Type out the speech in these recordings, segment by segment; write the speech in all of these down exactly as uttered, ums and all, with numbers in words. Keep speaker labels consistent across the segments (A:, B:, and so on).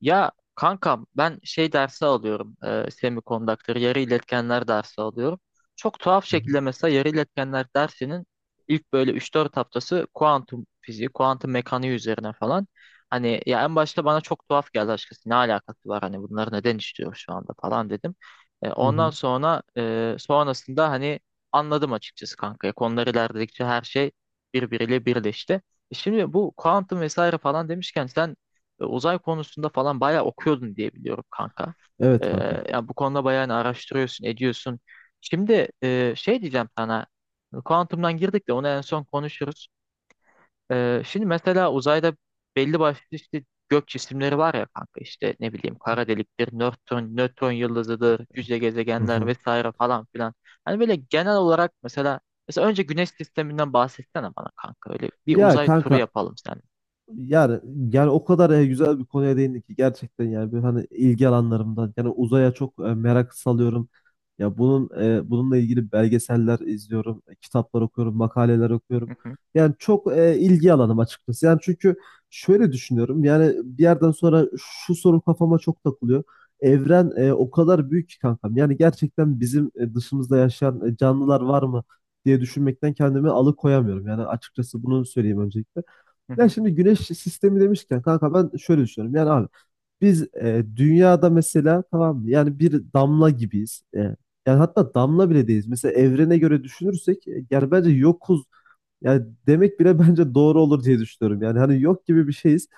A: Ya kankam ben şey dersi alıyorum. E, semikondaktör, yarı iletkenler dersi alıyorum. Çok tuhaf
B: Hı hı.
A: şekilde mesela yarı iletkenler dersinin ilk böyle üç dört haftası kuantum fiziği, kuantum mekaniği üzerine falan. Hani ya en başta bana çok tuhaf geldi açıkçası. Ne alakası var hani bunları neden işliyoruz şu anda falan dedim. E,
B: Hı
A: ondan
B: hı.
A: sonra e, sonrasında hani anladım açıkçası kanka. E, Konular ilerledikçe her şey birbiriyle birleşti. E şimdi bu kuantum vesaire falan demişken sen e, uzay konusunda falan bayağı okuyordun diye biliyorum kanka. E,
B: Evet kanka.
A: Yani bu konuda bayağı hani araştırıyorsun, ediyorsun. Şimdi e, şey diyeceğim sana. Kuantumdan girdik de onu en son konuşuruz. E, şimdi mesela uzayda belli başlı işte gök cisimleri var ya kanka, işte ne bileyim, kara deliktir, nötron, nötron yıldızıdır, cüce
B: Hı
A: gezegenler
B: hı.
A: vesaire falan filan. Hani böyle genel olarak mesela mesela önce güneş sisteminden bahsetsene bana kanka, öyle bir
B: Ya
A: uzay turu
B: kanka.
A: yapalım sen.
B: Yani yani o kadar e, güzel bir konuya değindik ki gerçekten yani böyle hani ilgi alanlarımdan yani uzaya çok e, merak salıyorum. Ya bunun e, bununla ilgili belgeseller izliyorum, e, kitaplar okuyorum, makaleler okuyorum.
A: Hı hı,
B: Yani çok e, ilgi alanım açıkçası. Yani çünkü şöyle düşünüyorum. Yani bir yerden sonra şu soru kafama çok takılıyor. Evren e, o kadar büyük ki kankam. Yani gerçekten bizim e, dışımızda yaşayan e, canlılar var mı diye düşünmekten kendimi alıkoyamıyorum. Yani açıkçası bunu söyleyeyim öncelikle.
A: hı
B: Ya
A: hı,
B: şimdi güneş sistemi demişken kanka ben şöyle düşünüyorum. Yani abi biz e, dünyada mesela, tamam mı? Yani bir damla gibiyiz. E, yani hatta damla bile değiliz. Mesela evrene göre düşünürsek e, yani bence yokuz. Yani demek bile bence doğru olur diye düşünüyorum. Yani hani yok gibi bir şeyiz.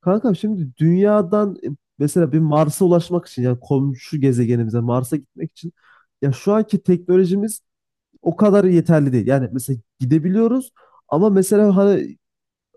B: Kanka şimdi dünyadan e, mesela bir Mars'a ulaşmak için, yani komşu gezegenimize Mars'a gitmek için ya şu anki teknolojimiz o kadar yeterli değil. Yani mesela gidebiliyoruz ama mesela hani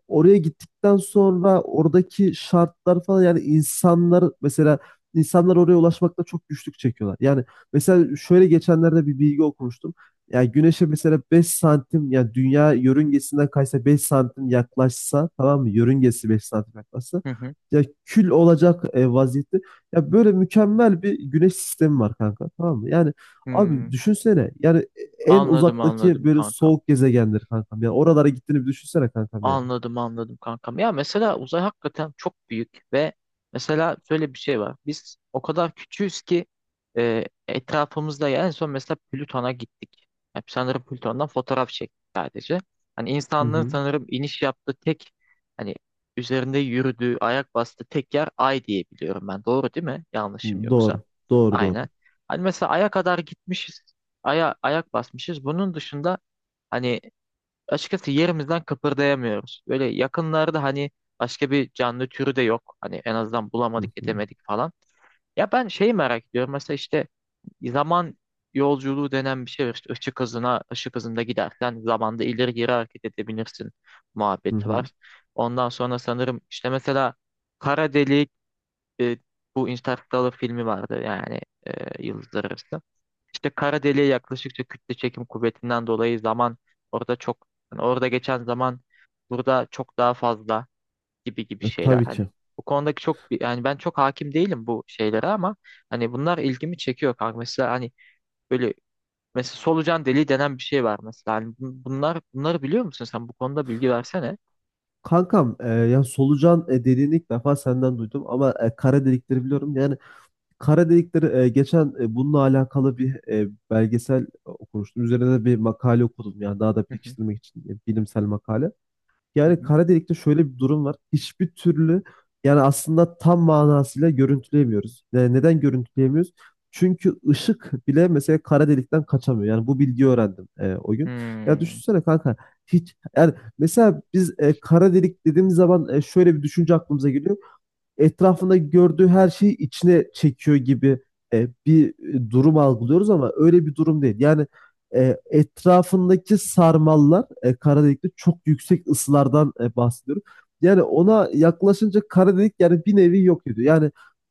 B: oraya gittikten sonra oradaki şartlar falan, yani insanlar mesela, insanlar oraya ulaşmakta çok güçlük çekiyorlar. Yani mesela şöyle geçenlerde bir bilgi okumuştum. Yani güneşe mesela beş santim, yani dünya yörüngesinden kaysa beş santim yaklaşsa, tamam mı? Yörüngesi beş santim yaklaşsa
A: hı hı.
B: ya kül olacak e, vaziyette. Ya böyle mükemmel bir güneş sistemi var kanka, tamam mı? Yani
A: Hmm.
B: abi düşünsene yani e, en
A: Anladım
B: uzaktaki
A: anladım
B: böyle
A: kankam.
B: soğuk gezegendir kankam. Yani oralara gittiğini bir düşünsene kankam, yani.
A: Anladım anladım kankam. Ya mesela uzay hakikaten çok büyük ve mesela şöyle bir şey var. Biz o kadar küçüğüz ki e, etrafımızda ya en son mesela Plüton'a gittik. Yani sanırım Plüton'dan fotoğraf çektik sadece. Hani
B: Hı
A: insanlığın
B: hı.
A: sanırım iniş yaptığı tek hani üzerinde yürüdüğü, ayak bastığı tek yer Ay diye biliyorum ben. Doğru değil mi? Yanlışım yoksa.
B: Doğru. Doğru, doğru.
A: Aynen. Hani mesela Ay'a kadar gitmişiz. Ay'a ayak basmışız. Bunun dışında hani açıkçası yerimizden kıpırdayamıyoruz. Böyle yakınlarda hani başka bir canlı türü de yok. Hani en azından bulamadık,
B: Hı hı.
A: edemedik falan. Ya ben şeyi merak ediyorum. Mesela işte zaman yolculuğu denen bir şey var. İşte ışık hızına, ışık hızında gidersen zamanda ileri geri hareket edebilirsin
B: Hı
A: muhabbeti
B: hı.
A: var. Ondan sonra sanırım işte mesela kara delik e, bu Interstellar filmi vardı yani e, Yıldızlar Arası. İşte kara deliğe yaklaştıkça kütle çekim kuvvetinden dolayı zaman orada çok, yani orada geçen zaman burada çok daha fazla gibi gibi
B: E,
A: şeyler
B: tabii
A: hani
B: ki.
A: bu konudaki çok bir- yani ben çok hakim değilim bu şeylere ama hani bunlar ilgimi çekiyor kanka. Mesela hani böyle, mesela solucan deliği denen bir şey var mesela, hani bun- bunlar bunları biliyor musun sen, bu konuda bilgi versene.
B: Kankam e, ya solucan e, dediğini ilk defa senden duydum ama e, kara delikleri biliyorum. Yani kara delikleri e, geçen e, bununla alakalı bir e, belgesel okumuştum. Üzerine de bir makale okudum, yani daha da
A: Hı hı,
B: pekiştirmek için e, bilimsel makale.
A: hı
B: Yani
A: hı.
B: kara delikte şöyle bir durum var. Hiçbir türlü, yani aslında tam manasıyla görüntüleyemiyoruz. Yani neden görüntüleyemiyoruz? Çünkü ışık bile mesela kara delikten kaçamıyor. Yani bu bilgiyi öğrendim e, o gün. Ya
A: Hmm.
B: düşünsene kanka, hiç, yani mesela biz e, kara delik dediğimiz zaman e, şöyle bir düşünce aklımıza geliyor, etrafında gördüğü her şeyi içine çekiyor gibi e, bir e, durum algılıyoruz ama öyle bir durum değil. Yani e, etrafındaki sarmallar, e, kara delikte çok yüksek ısılardan e, bahsediyorum. Yani ona yaklaşınca kara delik, yani bir nevi yok ediyor. Yani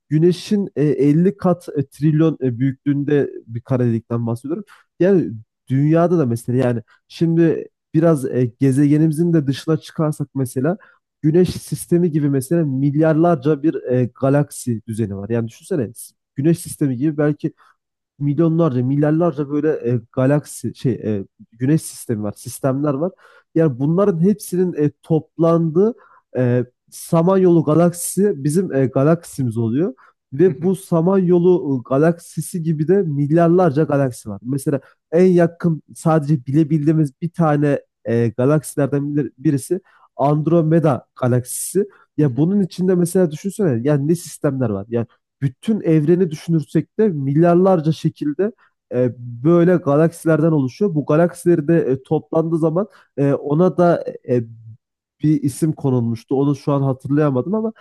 B: Güneş'in e, elli kat e, trilyon e, büyüklüğünde bir kara delikten bahsediyorum. Yani dünyada da mesela, yani şimdi biraz e, gezegenimizin de dışına çıkarsak mesela Güneş sistemi gibi mesela milyarlarca bir e, galaksi düzeni var. Yani düşünsene, Güneş sistemi gibi belki milyonlarca, milyarlarca böyle e, galaksi şey e, güneş sistemi var, sistemler var. Yani bunların hepsinin e, toplandığı e, Samanyolu galaksisi bizim e, galaksimiz oluyor.
A: Hı
B: Ve
A: hı,
B: bu Samanyolu e, galaksisi gibi de milyarlarca galaksi var. Mesela en yakın sadece bilebildiğimiz bir tane e, galaksilerden bir- birisi Andromeda galaksisi.
A: hı
B: Ya
A: hı.
B: bunun içinde mesela düşünsene ya ne sistemler var. Ya bütün evreni düşünürsek de milyarlarca şekilde e, böyle galaksilerden oluşuyor. Bu galaksileri de e, toplandığı zaman e, ona da e, bir isim konulmuştu. Onu şu an hatırlayamadım ama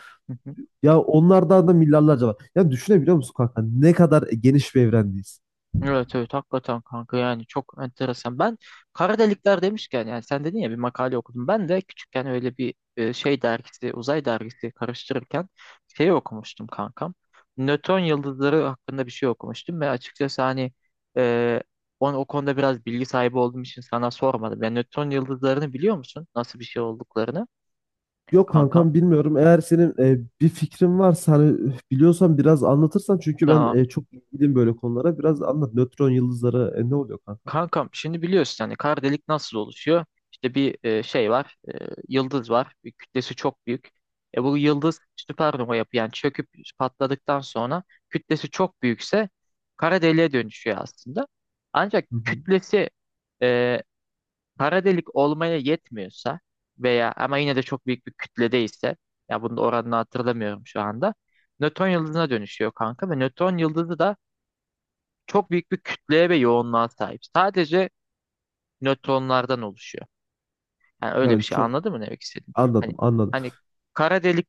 B: ya onlardan da milyarlarca var. Ya düşünebiliyor musun kanka, ne kadar geniş bir evrendeyiz?
A: Evet evet hakikaten kanka yani çok enteresan. Ben kara delikler demişken yani sen dedin ya bir makale okudum. Ben de küçükken öyle bir e, şey dergisi, uzay dergisi karıştırırken şey okumuştum kankam. Nöton yıldızları hakkında bir şey okumuştum ve açıkçası hani e, on, o konuda biraz bilgi sahibi olduğum için sana sormadım. Yani nöton yıldızlarını biliyor musun? Nasıl bir şey olduklarını
B: Yok
A: kankam?
B: kankam, bilmiyorum. Eğer senin e, bir fikrin varsa hani, üf, biliyorsan biraz anlatırsan, çünkü ben
A: Tamam.
B: e, çok ilgiliyim böyle konulara. Biraz anlat. Nötron yıldızları e, ne oluyor kankam?
A: Kankam şimdi biliyorsun hani kara delik nasıl oluşuyor? İşte bir e, şey var, e, yıldız var. Bir kütlesi çok büyük. E bu yıldız süpernova yapı yani çöküp patladıktan sonra kütlesi çok büyükse kara deliğe dönüşüyor aslında. Ancak
B: Hı hı.
A: kütlesi e, kara delik olmaya yetmiyorsa veya ama yine de çok büyük bir kütledeyse, ya bunun oranını hatırlamıyorum şu anda. Nötron yıldızına dönüşüyor kanka ve nötron yıldızı da çok büyük bir kütleye ve yoğunluğa sahip. Sadece nötronlardan oluşuyor. Yani öyle bir
B: Yani
A: şey,
B: çok
A: anladın mı ne demek istediğimi? Hani
B: anladım, anladım.
A: hani kara delik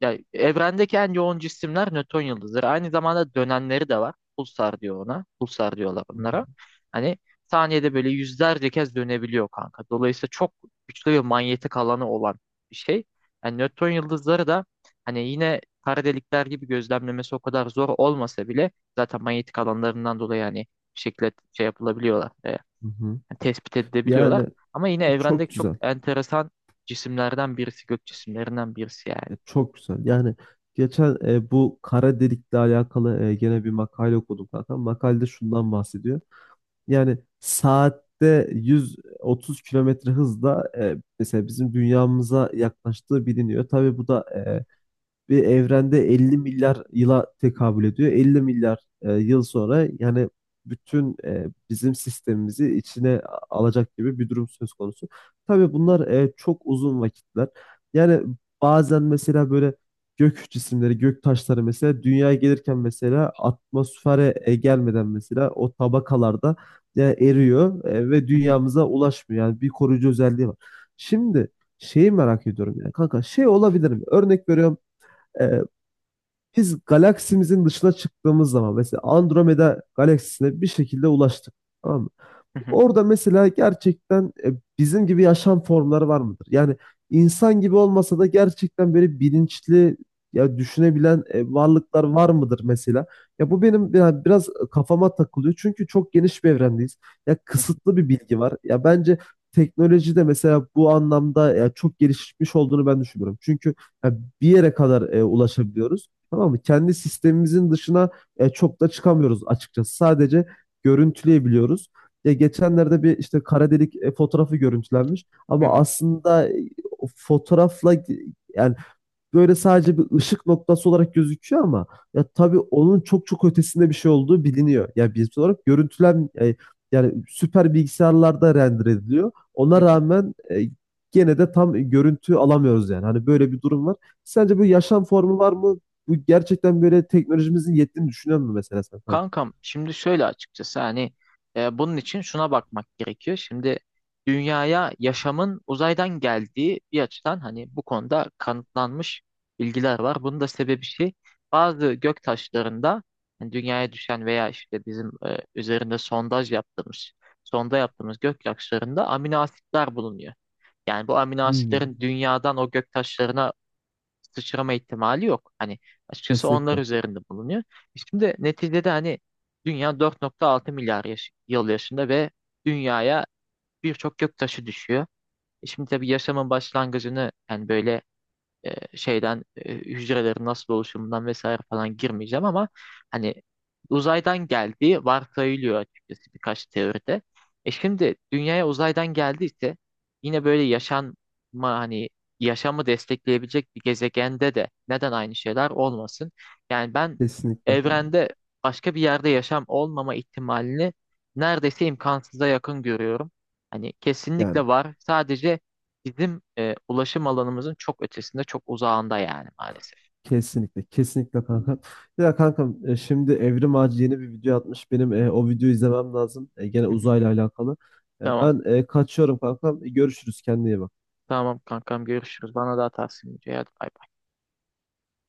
A: yani evrendeki en yoğun cisimler nötron yıldızları. Aynı zamanda dönenleri de var. Pulsar diyor ona. Pulsar diyorlar
B: Hı hı.
A: onlara. Hani saniyede böyle yüzlerce kez dönebiliyor kanka. Dolayısıyla çok güçlü bir manyetik alanı olan bir şey. Yani nötron yıldızları da hani yine kara delikler gibi gözlemlemesi o kadar zor olmasa bile zaten manyetik alanlarından dolayı hani bir şekilde şey yapılabiliyorlar. E, yani
B: Hı hı.
A: tespit edebiliyorlar.
B: Yani
A: Ama yine
B: çok
A: evrendeki çok
B: güzel.
A: enteresan cisimlerden birisi, gök cisimlerinden birisi yani.
B: E, Çok güzel. Yani geçen e, bu kara delikle alakalı e, gene bir makale okudum zaten. Makalede şundan bahsediyor. Yani saatte yüz otuz kilometre hızla e, mesela bizim dünyamıza yaklaştığı biliniyor. Tabii bu da e, bir evrende elli milyar yıla tekabül ediyor. elli milyar e, yıl sonra yani bütün e, bizim sistemimizi içine a- alacak gibi bir durum söz konusu. Tabii bunlar e, çok uzun vakitler. Yani bazen mesela böyle gök cisimleri, gök taşları mesela dünyaya gelirken mesela atmosfere e, gelmeden mesela o tabakalarda, yani eriyor e, ve
A: Hı hı,
B: dünyamıza ulaşmıyor. Yani bir koruyucu özelliği var. Şimdi şeyi merak ediyorum, yani kanka şey olabilir mi? Örnek veriyorum, ee, biz galaksimizin dışına çıktığımız zaman mesela Andromeda galaksisine bir şekilde ulaştık. Tamam mı?
A: hı hı,
B: Orada mesela gerçekten e, bizim gibi yaşam formları var mıdır? Yani insan gibi olmasa da gerçekten böyle bilinçli, ya düşünebilen e, varlıklar var mıdır mesela? Ya bu benim ya biraz kafama takılıyor. Çünkü çok geniş bir evrendeyiz. Ya kısıtlı bir bilgi var. Ya bence teknoloji de mesela bu anlamda ya çok gelişmiş olduğunu ben düşünüyorum. Çünkü ya bir yere kadar e, ulaşabiliyoruz. Tamam mı? Kendi sistemimizin dışına e, çok da çıkamıyoruz açıkçası. Sadece görüntüleyebiliyoruz. Ya geçenlerde bir işte kara delik e, fotoğrafı görüntülenmiş
A: hı
B: ama
A: hı,
B: aslında e, o fotoğrafla e, yani böyle sadece bir ışık noktası olarak gözüküyor ama ya tabii onun çok çok ötesinde bir şey olduğu biliniyor. Ya bilimsel olarak görüntülen e, yani süper bilgisayarlarda render ediliyor.
A: hı
B: Ona
A: hı.
B: rağmen e, gene de tam görüntü alamıyoruz, yani. Hani böyle bir durum var. Sence bu yaşam formu var mı? Bu gerçekten böyle teknolojimizin yettiğini düşünüyor musun mesela sen, kanka?
A: Kankam şimdi şöyle açıkçası hani e, bunun için şuna bakmak gerekiyor. Şimdi dünyaya yaşamın uzaydan geldiği bir açıdan hani bu konuda kanıtlanmış bilgiler var. Bunun da sebebi şey, bazı gök taşlarında, hani dünyaya düşen veya işte bizim e, üzerinde sondaj yaptığımız, sonda yaptığımız gök taşlarında amino asitler bulunuyor. Yani bu amino
B: Hmm,
A: asitlerin dünyadan o gök taşlarına sıçrama ihtimali yok. Hani açıkçası onlar
B: kesinlikle.
A: üzerinde bulunuyor. E şimdi neticede hani dünya dört nokta altı milyar yaş- yıl yaşında ve dünyaya birçok gök taşı düşüyor. E şimdi tabii yaşamın başlangıcını yani böyle e, şeyden e, hücrelerin nasıl oluşumundan vesaire falan girmeyeceğim ama hani uzaydan geldiği varsayılıyor açıkçası birkaç teoride. E şimdi dünyaya uzaydan geldiyse yine böyle yaşanma hani yaşamı destekleyebilecek bir gezegende de neden aynı şeyler olmasın? Yani ben
B: Kesinlikle.
A: evrende başka bir yerde yaşam olmama ihtimalini neredeyse imkansıza yakın görüyorum. Hani
B: Yani,
A: kesinlikle var. Sadece bizim e, ulaşım alanımızın çok ötesinde, çok uzağında yani, maalesef.
B: kesinlikle, kesinlikle kankam. Ya kankam e, şimdi Evrim Ağacı yeni bir video atmış. Benim e, o videoyu izlemem lazım. E, gene
A: Hı hı.
B: uzayla alakalı. E,
A: Tamam.
B: ben e, kaçıyorum kankam. E, görüşürüz kendine iyi bak.
A: Tamam kankam, görüşürüz. Bana daha tavsiye edeceğim. Hadi bay bay.